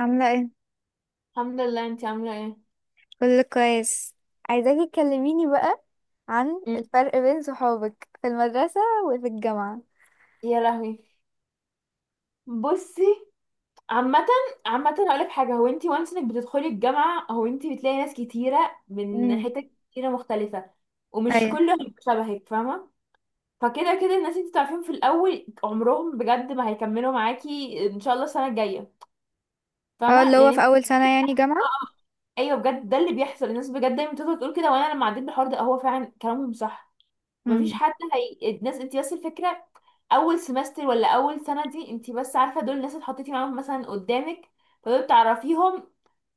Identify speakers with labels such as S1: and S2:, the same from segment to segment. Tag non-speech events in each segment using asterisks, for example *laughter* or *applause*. S1: عاملة ايه؟
S2: الحمد لله. انتي عامله ايه؟
S1: كله كويس. عايزاكي تكلميني بقى عن
S2: مم.
S1: الفرق بين صحابك في المدرسة وفي الجامعة.
S2: يا لهوي، بصي. عامه عامه اقول لك حاجه، هو انتي وانس انك بتدخلي الجامعه، هو انتي بتلاقي ناس كتيره من
S1: امم.
S2: حتت كتيره مختلفه، ومش
S1: ايوه.
S2: كلهم شبهك، فاهمه؟ فكده كده الناس انتي تعرفيهم في الاول عمرهم بجد ما هيكملوا معاكي ان شاء الله السنه الجايه.
S1: اه
S2: فاهمه
S1: اللي هو
S2: لان
S1: في
S2: انتي-
S1: أول سنة يعني جامعة.
S2: ايوه بجد ده اللي بيحصل، الناس بجد دايما بتفضل تقول كده، وانا لما عديت بالحوار ده هو فعلا كلامهم صح. مفيش
S1: امم.
S2: حد. الناس انت بس الفكره، اول سمستر ولا اول سنه دي انت بس عارفه دول الناس اللي حطيتي معاهم مثلا قدامك، فدول بتعرفيهم،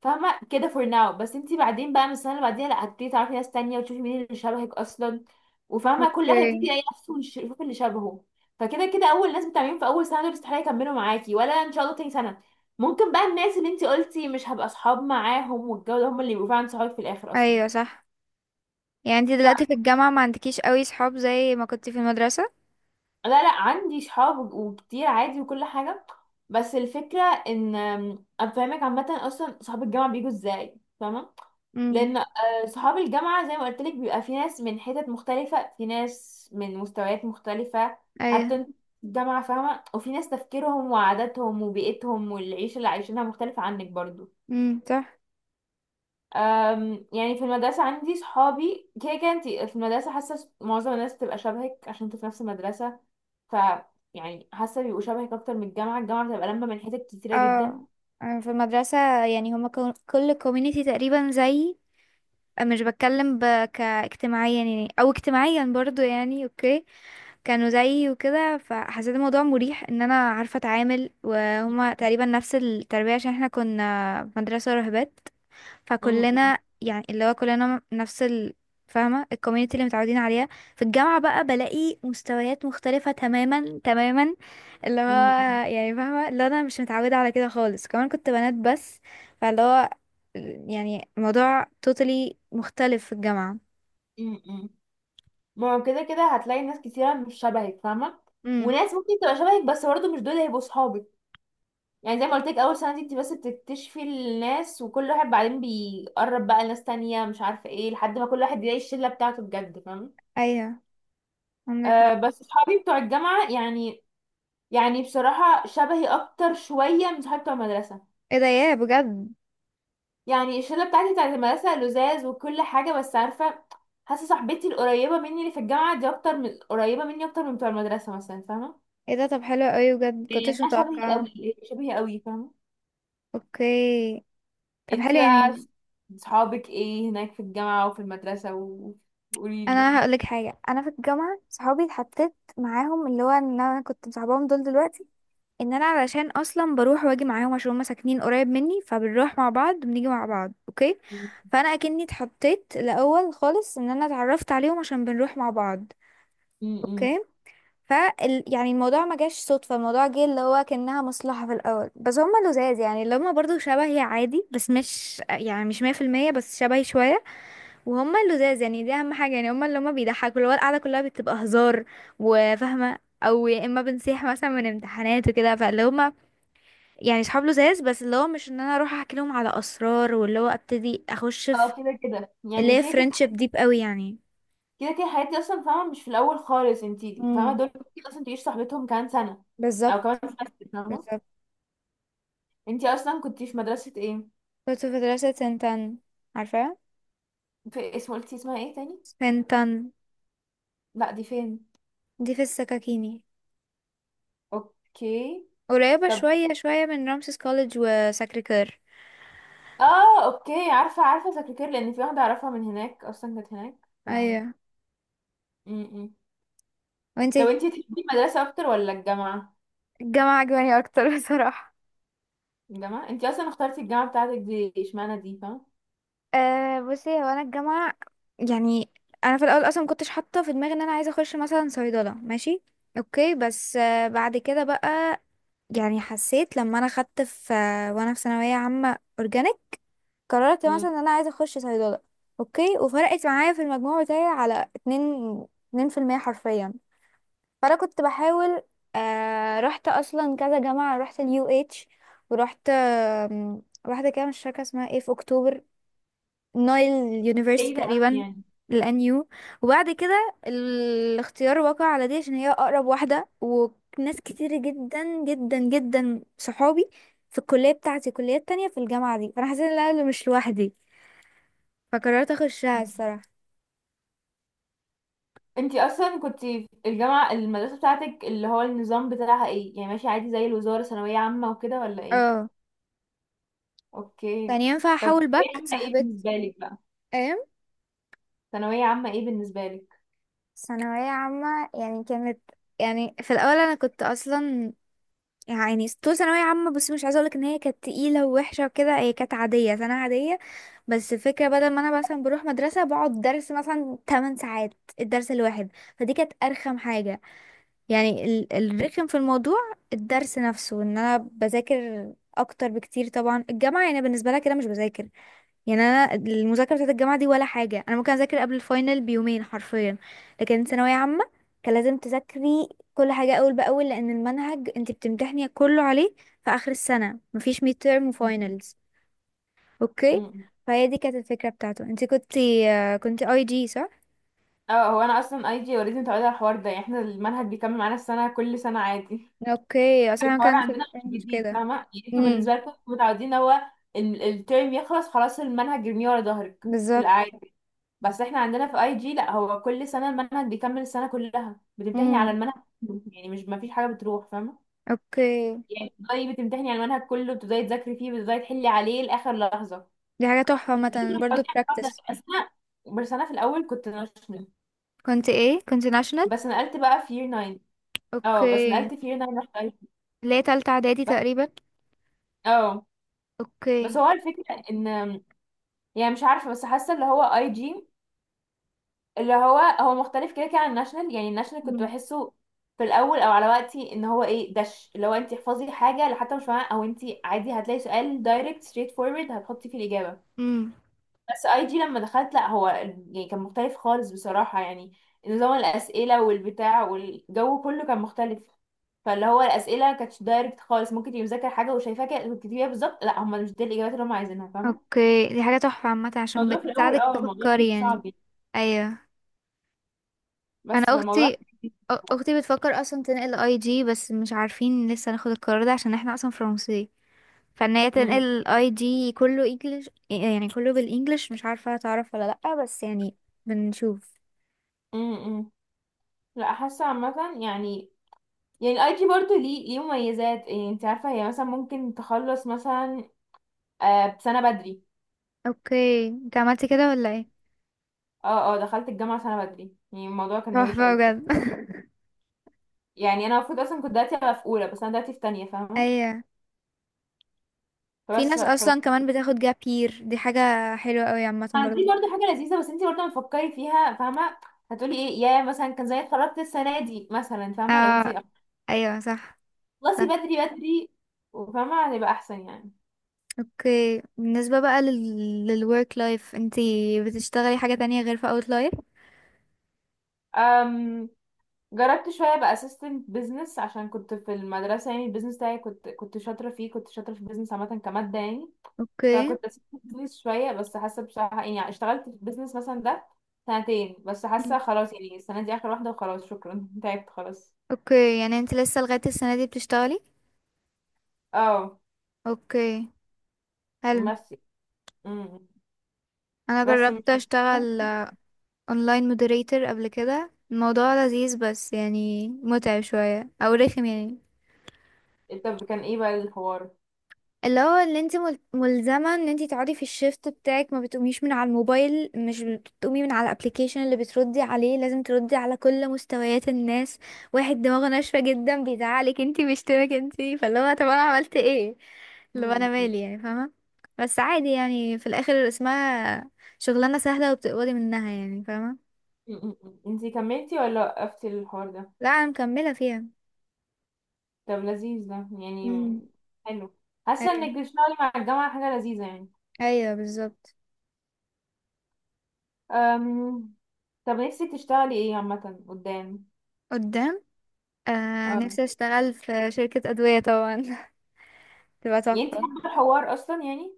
S2: فاهمه كده فور ناو. بس انت بعدين بقى من السنه اللي بعديها لا، هتبتدي تعرفي ناس تانية وتشوفي مين اللي شبهك اصلا، وفاهمه كل واحد يبتدي
S1: اوكي.
S2: يلاقي نفسه ويشوف اللي شبهه. فكده كده اول ناس بتعملين في اول سنه دول استحاله يكملوا معاكي ولا ان شاء الله تاني سنه. ممكن بقى الناس اللي انت قلتي مش هبقى اصحاب معاهم والجو ده هم اللي يبقوا فعلا صحابك في الاخر اصلا.
S1: ايوه صح. يعني انتي دلوقتي في الجامعة ما عندكيش قوي صحاب زي ما كنتي في المدرسة؟
S2: لا، عندي صحاب وكتير عادي وكل حاجة. بس الفكرة ان افهمك عامة اصلا صحاب الجامعة بيجوا ازاي، فاهمة؟
S1: امم.
S2: لان آه، صحاب الجامعة زي ما قلت لك بيبقى في ناس من حتت مختلفة، في ناس من مستويات مختلفة.
S1: ايوه.
S2: حتى انت في الجامعة فاهمة، وفي ناس تفكيرهم وعاداتهم وبيئتهم والعيشة اللي عايشينها مختلفة عنك برضو.
S1: صح.
S2: يعني في المدرسة عندي صحابي كده كده، انت في المدرسة حاسة معظم الناس بتبقى شبهك عشان انتوا في نفس المدرسة. ف يعني حاسه بيبقوا شبهك اكتر من الجامعه. الجامعه بتبقى لمه من حتت كتيره جدا.
S1: اه أنا في المدرسة، يعني هما كل كوميونيتي تقريبا زي، مش بتكلم ب، كاجتماعيا يعني او اجتماعيا برضو يعني، اوكي كانوا زيي وكده، فحسيت الموضوع مريح ان انا عارفه اتعامل، وهما تقريبا نفس التربيه عشان احنا كنا في مدرسه راهبات،
S2: م-
S1: فكلنا يعني اللي هو كلنا نفس فاهمه الكوميونتي اللي متعودين عليها. في الجامعه بقى بلاقي مستويات مختلفه تماما تماما، اللي هو
S2: م- م-
S1: يعني فاهمه اللي انا مش متعوده على كده خالص، كمان كنت بنات بس، فاللي هو يعني الموضوع توتالي مختلف في الجامعه.
S2: م- ما هو كده كده هتلاقي ناس كتيرة مش شبهك، فاهمة؟
S1: امم.
S2: وناس ممكن تبقى شبهك بس برضه مش دول هيبقوا صحابك. يعني زي ما قلت لك أول سنة دي انت بس بتكتشفي الناس، وكل واحد بعدين بيقرب بقى لناس تانية مش عارفة ايه لحد ما كل واحد يلاقي الشلة بتاعته بجد، فاهمة؟
S1: ايوه عندك
S2: آه
S1: حق.
S2: بس صحابي بتوع الجامعة يعني، يعني بصراحة شبهي أكتر شوية من صحابي بتوع المدرسة.
S1: ايه ده ياه بجد.
S2: يعني الشله بتاعتي بتاعت المدرسه لزاز وكل حاجه بس عارفه، حاسه صاحبتي القريبه مني اللي في الجامعه دي اكتر من قريبه مني اكتر من بتوع المدرسه مثلا، فاهمه؟
S1: ايه ده طب حلو قوي بجد
S2: يعني
S1: كنتش
S2: انا شبهي
S1: متوقعه.
S2: قوي، شبهي قوي، فاهمه؟
S1: اوكي طب حلو
S2: انتي بقى
S1: يعني.
S2: صحابك ايه هناك في الجامعه وفي وقولي لي
S1: انا
S2: يعني.
S1: هقولك حاجه، انا في الجامعه صحابي اتحطيت معاهم، اللي هو ان انا كنت مصاحباهم دول دلوقتي، ان انا علشان اصلا بروح واجي معاهم عشان هما ساكنين قريب مني، فبنروح مع بعض وبنيجي مع بعض، اوكي.
S2: م-
S1: فانا اكني اتحطيت الاول خالص ان انا اتعرفت عليهم عشان بنروح مع بعض.
S2: م- م.
S1: اوكي ف، يعني الموضوع ما جاش صدفة، الموضوع جه اللي هو كأنها مصلحة في الأول، بس هما لزاز يعني، اللي هما برضو شبهي عادي، بس مش يعني مش مية في المية، بس شبهي شوية. وهما لزاز يعني، دي أهم حاجة يعني، هما اللي هما بيضحكوا، اللي هو القعدة كلها بتبقى هزار، وفاهمة أو يا إما بنصيح مثلا من امتحانات وكده. فاللي هما يعني صحاب لزاز، بس اللي هو مش إن أنا أروح أحكي لهم على أسرار واللي هو أبتدي أخش في
S2: اه كده كده يعني،
S1: اللي هي
S2: كده كده
S1: فريندشيب ديب قوي يعني.
S2: كده كده الحاجات دي اصلا فاهمه مش في الاول خالص انتي فاهمه،
S1: امم
S2: دول ممكن اصلا تعيش صاحبتهم كمان سنه او كمان
S1: بالظبط.
S2: سنه،
S1: بالظبط
S2: فاهمه؟
S1: بالظبط.
S2: انتي اصلا كنتي في مدرسه ايه؟
S1: كنت في مدرسة سنتان، عارفة.
S2: في اسم، قلتي اسمها ايه تاني؟
S1: سنتان
S2: لا دي فين؟
S1: دي في السكاكيني،
S2: اوكي.
S1: قريبة
S2: طب
S1: شوية شوية من رامسيس كوليدج وساكريكير.
S2: اه اوكي، عارفه عارفه سكرتير لان في واحده اعرفها من هناك اصلا كانت هناك. ف م
S1: ايوه.
S2: -م. طب
S1: وانتي؟
S2: انتي تحبي المدرسه اكتر ولا الجامعه؟
S1: الجامعة عجباني اكتر *laughs* بصراحة.
S2: الجامعه، انتي اصلا اخترتي الجامعه بتاعتك دي اشمعنى دي، فاهمه؟
S1: أه بصي، هو انا الجامعة، يعني انا في الاول اصلا مكنتش حاطة في دماغي ان انا عايزة اخش مثلا صيدلة، ماشي، اوكي، بس بعد كده بقى يعني حسيت لما انا خدت في وانا في ثانوية عامة اورجانيك، قررت
S2: م.
S1: مثلا ان انا عايزة اخش صيدلة. اوكي، وفرقت معايا في المجموع بتاعي على اتنين، اتنين في المية حرفيا. فانا كنت بحاول، آه رحت اصلا كذا جامعه، رحت اليو اتش، ورحت واحده كده مش فاكره اسمها ايه في اكتوبر، نايل يونيفرسيتي
S2: بعيدة أوي
S1: تقريبا،
S2: يعني.
S1: الان يو. وبعد كده الاختيار وقع على دي عشان هي اقرب واحده، وناس كتير جدا جدا جدا صحابي في الكليه بتاعتي كليات تانية في الجامعه دي، فانا حسيت ان انا مش لوحدي، فقررت اخشها
S2: م.
S1: الصراحه.
S2: انتي اصلا كنتي الجامعه المدرسه بتاعتك اللي هو النظام بتاعها ايه؟ يعني ماشي عادي زي الوزاره ثانويه عامه وكده ولا ايه؟
S1: اه. كان
S2: اوكي.
S1: ينفع
S2: طب
S1: احاول
S2: ثانويه
S1: باك
S2: عامه ايه
S1: صاحبتي.
S2: بالنسبه لك بقى؟ ثانويه عامه ايه بالنسبه لك؟
S1: ثانوية عامة يعني كانت، يعني في الأول أنا كنت أصلا، يعني طول ثانوية عامة بس مش عايزة أقولك إن هي كانت تقيلة ووحشة وكده، هي كانت عادية سنة عادية. بس الفكرة بدل ما أنا مثلا بروح مدرسة بقعد درس مثلا 8 ساعات، الدرس الواحد، فدي كانت أرخم حاجة، يعني الرخم في الموضوع، الدرس نفسه، إن أنا بذاكر أكتر بكتير، طبعا الجامعة يعني بالنسبة لها كده مش بذاكر. يعني انا المذاكره بتاعت الجامعه دي ولا حاجه، انا ممكن اذاكر قبل الفاينل بيومين حرفيا. لكن ثانويه عامه كان لازم تذاكري كل حاجه اول باول، لان المنهج انت بتمتحني كله عليه في اخر السنه، مفيش ميد تيرم
S2: م
S1: وفاينلز. اوكي.
S2: -م.
S1: فهي دي كانت الفكره بتاعته. انت كنت كنت اي جي صح؟
S2: اه هو انا اصلا اي جي اوريدي متعوده على الحوار ده، يعني احنا المنهج بيكمل معانا السنه كل سنه عادي.
S1: اوكي، اصلا
S2: الحوار
S1: كان في
S2: عندنا مش
S1: الفرنش
S2: جديد،
S1: كده.
S2: فاهمه؟ يعني انتوا
S1: امم.
S2: بالنسبه لكم انتوا متعودين هو الترم يخلص خلاص المنهج يرميه ورا ظهرك في
S1: بالظبط.
S2: العادي. بس احنا عندنا في اي جي لا، هو كل سنه المنهج بيكمل السنه كلها بتمتحني على
S1: امم.
S2: المنهج كله، يعني مش ما فيش حاجه بتروح، فاهمه؟
S1: اوكي.
S2: يعني بتبدأي بتمتحني على المنهج كله، بتبدأي تذاكري فيه، بتبدأي تحلي عليه لاخر لحظه.
S1: دي حاجه تحفه مثلا
S2: *laughs*
S1: برضو
S2: قلت لك الحوار ده.
S1: براكتس.
S2: بس انا في الاول كنت ناشفه،
S1: كنت ايه، كنت ناشونال؟
S2: بس نقلت بقى في year 9. اه بس
S1: اوكي.
S2: نقلت فيه هنا رحت اي جي
S1: اللي هي تالتة اعدادي
S2: بس.
S1: تقريبا.
S2: اه بس
S1: اوكي.
S2: هو الفكرة ان يعني مش عارفة، بس حاسة اللي هو اي جي اللي هو هو مختلف كده كده عن الناشونال. يعني الناشونال كنت
S1: مم.
S2: بحسه في الاول او على وقتي ان هو ايه دش اللي هو انت احفظي حاجة لو حتى مش فاهمة، او انت عادي هتلاقي سؤال دايركت ستريت فورورد هتحطي فيه الاجابة.
S1: مم.
S2: بس اي دي لما دخلت لا، هو يعني كان مختلف خالص بصراحة يعني. نظام الأسئلة والبتاع والجو كله كان مختلف. فاللي هو الأسئلة كانتش دايركت خالص، ممكن تبقي مذاكرة حاجة وشايفاها كده وتكتبيها بالظبط، لا هم مش دي الإجابات اللي هم عايزينها، فاهمة؟
S1: اوكي. دي حاجة تحفة عامة عشان
S2: الموضوع في الأول
S1: بتساعدك
S2: اه الموضوع كان
S1: تفكري يعني.
S2: صعب يعني.
S1: ايوه. انا
S2: بس فالموضوع
S1: اختي،
S2: كان
S1: اختي بتفكر اصلا تنقل اي جي، بس مش عارفين لسه ناخد القرار ده عشان احنا اصلا فرنسي، فان هي
S2: امم
S1: تنقل اي جي كله انجلش يعني كله بالانجلش، مش عارفة هتعرف ولا لأ، بس يعني بنشوف.
S2: امم امم. لا حاسه عامه يعني، يعني الاي جي برضه ليه مميزات يعني، انت عارفه هي مثلا ممكن تخلص مثلا بسنه بدري.
S1: اوكي. انت عملتي كده ولا ايه؟
S2: اه دخلت الجامعه سنه بدري، يعني الموضوع كان روش قوي
S1: تحفة بجد.
S2: بصراحة. يعني انا المفروض اصلا كنت دلوقتي ابقى في اولى بس انا دلوقتي في تانية،
S1: *laughs*
S2: فاهمه؟
S1: ايوه. في
S2: فبس ف-
S1: ناس اصلا
S2: ف-
S1: كمان بتاخد جاب يير، دي حاجة حلوة قوي عامة برضه.
S2: دي برضه حاجه لذيذه بس انت برضه لما تفكري فيها، فاهمه؟ هتقولي ايه يا مثلا كان زي اتخرجت السنه دي مثلا، فاهمه لو انت
S1: اه. ايوه صح.
S2: خلصي بدري وفاهمه هتبقى احسن يعني.
S1: اوكي، بالنسبة بقى للwork life، انتي بتشتغلي حاجة تانية غير في outlier؟
S2: أم جربت شويه بقى assistant business عشان كنت في المدرسه، يعني البيزنس بتاعي كنت شاطره فيه، كنت شاطره في البيزنس عامه كماده يعني.
S1: اوكي.
S2: فكنت اسيب البيزنس شويه، بس حاسه بصراحه يعني اشتغلت في البيزنس مثلا ده سنتين بس
S1: مم.
S2: حاسه خلاص، يعني السنه دي اخر واحده وخلاص شكرا، *laughs* تعبت خلاص.
S1: اوكي، يعني انت لسه لغاية السنة دي بتشتغلي.
S2: اه
S1: اوكي حلو.
S2: بس امم
S1: انا
S2: بس م-
S1: جربت اشتغل اونلاين مودريتور قبل كده، الموضوع لذيذ بس يعني متعب شوية او رخم يعني،
S2: طب كان ايه بقى الحوار؟
S1: اللي هو اللي انت ملزمة ان انت تقعدي في الشيفت بتاعك، ما بتقوميش من على الموبايل، مش بتقومي من على الابليكيشن، اللي بتردي عليه لازم تردي على كل مستويات الناس، واحد دماغه ناشفة جدا بيزعلك انت، بيشتمك انت، فاللي هو طب انا عملت ايه، اللي هو انا
S2: مم.
S1: مالي يعني فاهمة. بس عادي يعني، في الاخر اسمها شغلانة سهلة وبتقبضي منها يعني فاهمة.
S2: مم. انتي كملتي ولا وقفتي الحوار ده؟
S1: لا انا مكملة فيها.
S2: طب لذيذ ده يعني.
S1: امم.
S2: حلو، حاسه
S1: ايوه.
S2: انك بتشتغلي مع الجامعه حاجه لذيذه يعني.
S1: ايوه بالظبط.
S2: أم... طب نفسك تشتغلي ايه عامه قدام؟
S1: قدام، آه
S2: اه
S1: نفسي اشتغل في شركة ادوية طبعا *laughs* تبقى
S2: يعني انتي
S1: تحفة.
S2: حابه الحوار اصلا يعني؟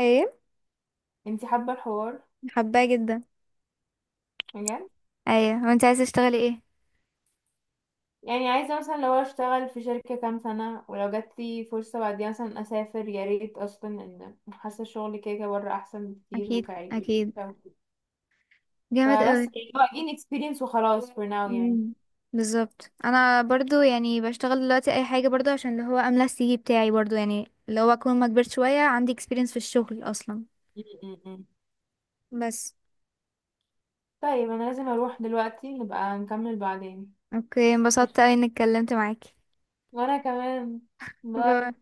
S1: ايه
S2: انتي حابة الحوار؟
S1: حباه جدا.
S2: بجد؟
S1: ايوه، وانت عايزه تشتغلي ايه؟
S2: يعني عايزة مثلا لو اشتغل في شركة كام سنة ولو جاتلي فرصة بعديها مثلا اسافر، يا ريت اصلا ان حاسة الشغل كده كده بره احسن بكتير
S1: اكيد
S2: وكعيب.
S1: اكيد، جامد
S2: فبس
S1: قوي.
S2: يعني هو again experience وخلاص for now يعني.
S1: امم بالظبط. انا برضو يعني بشتغل دلوقتي اي حاجه برضو عشان اللي هو املى السي في بتاعي برضو، يعني اللي هو اكون ما كبرت شويه عندي experience في الشغل اصلا.
S2: م- م- م.
S1: بس.
S2: طيب انا لازم اروح دلوقتي، نبقى نكمل بعدين.
S1: اوكي انبسطت اوي اني اتكلمت معاكي.
S2: وانا كمان.
S1: باي.
S2: باي.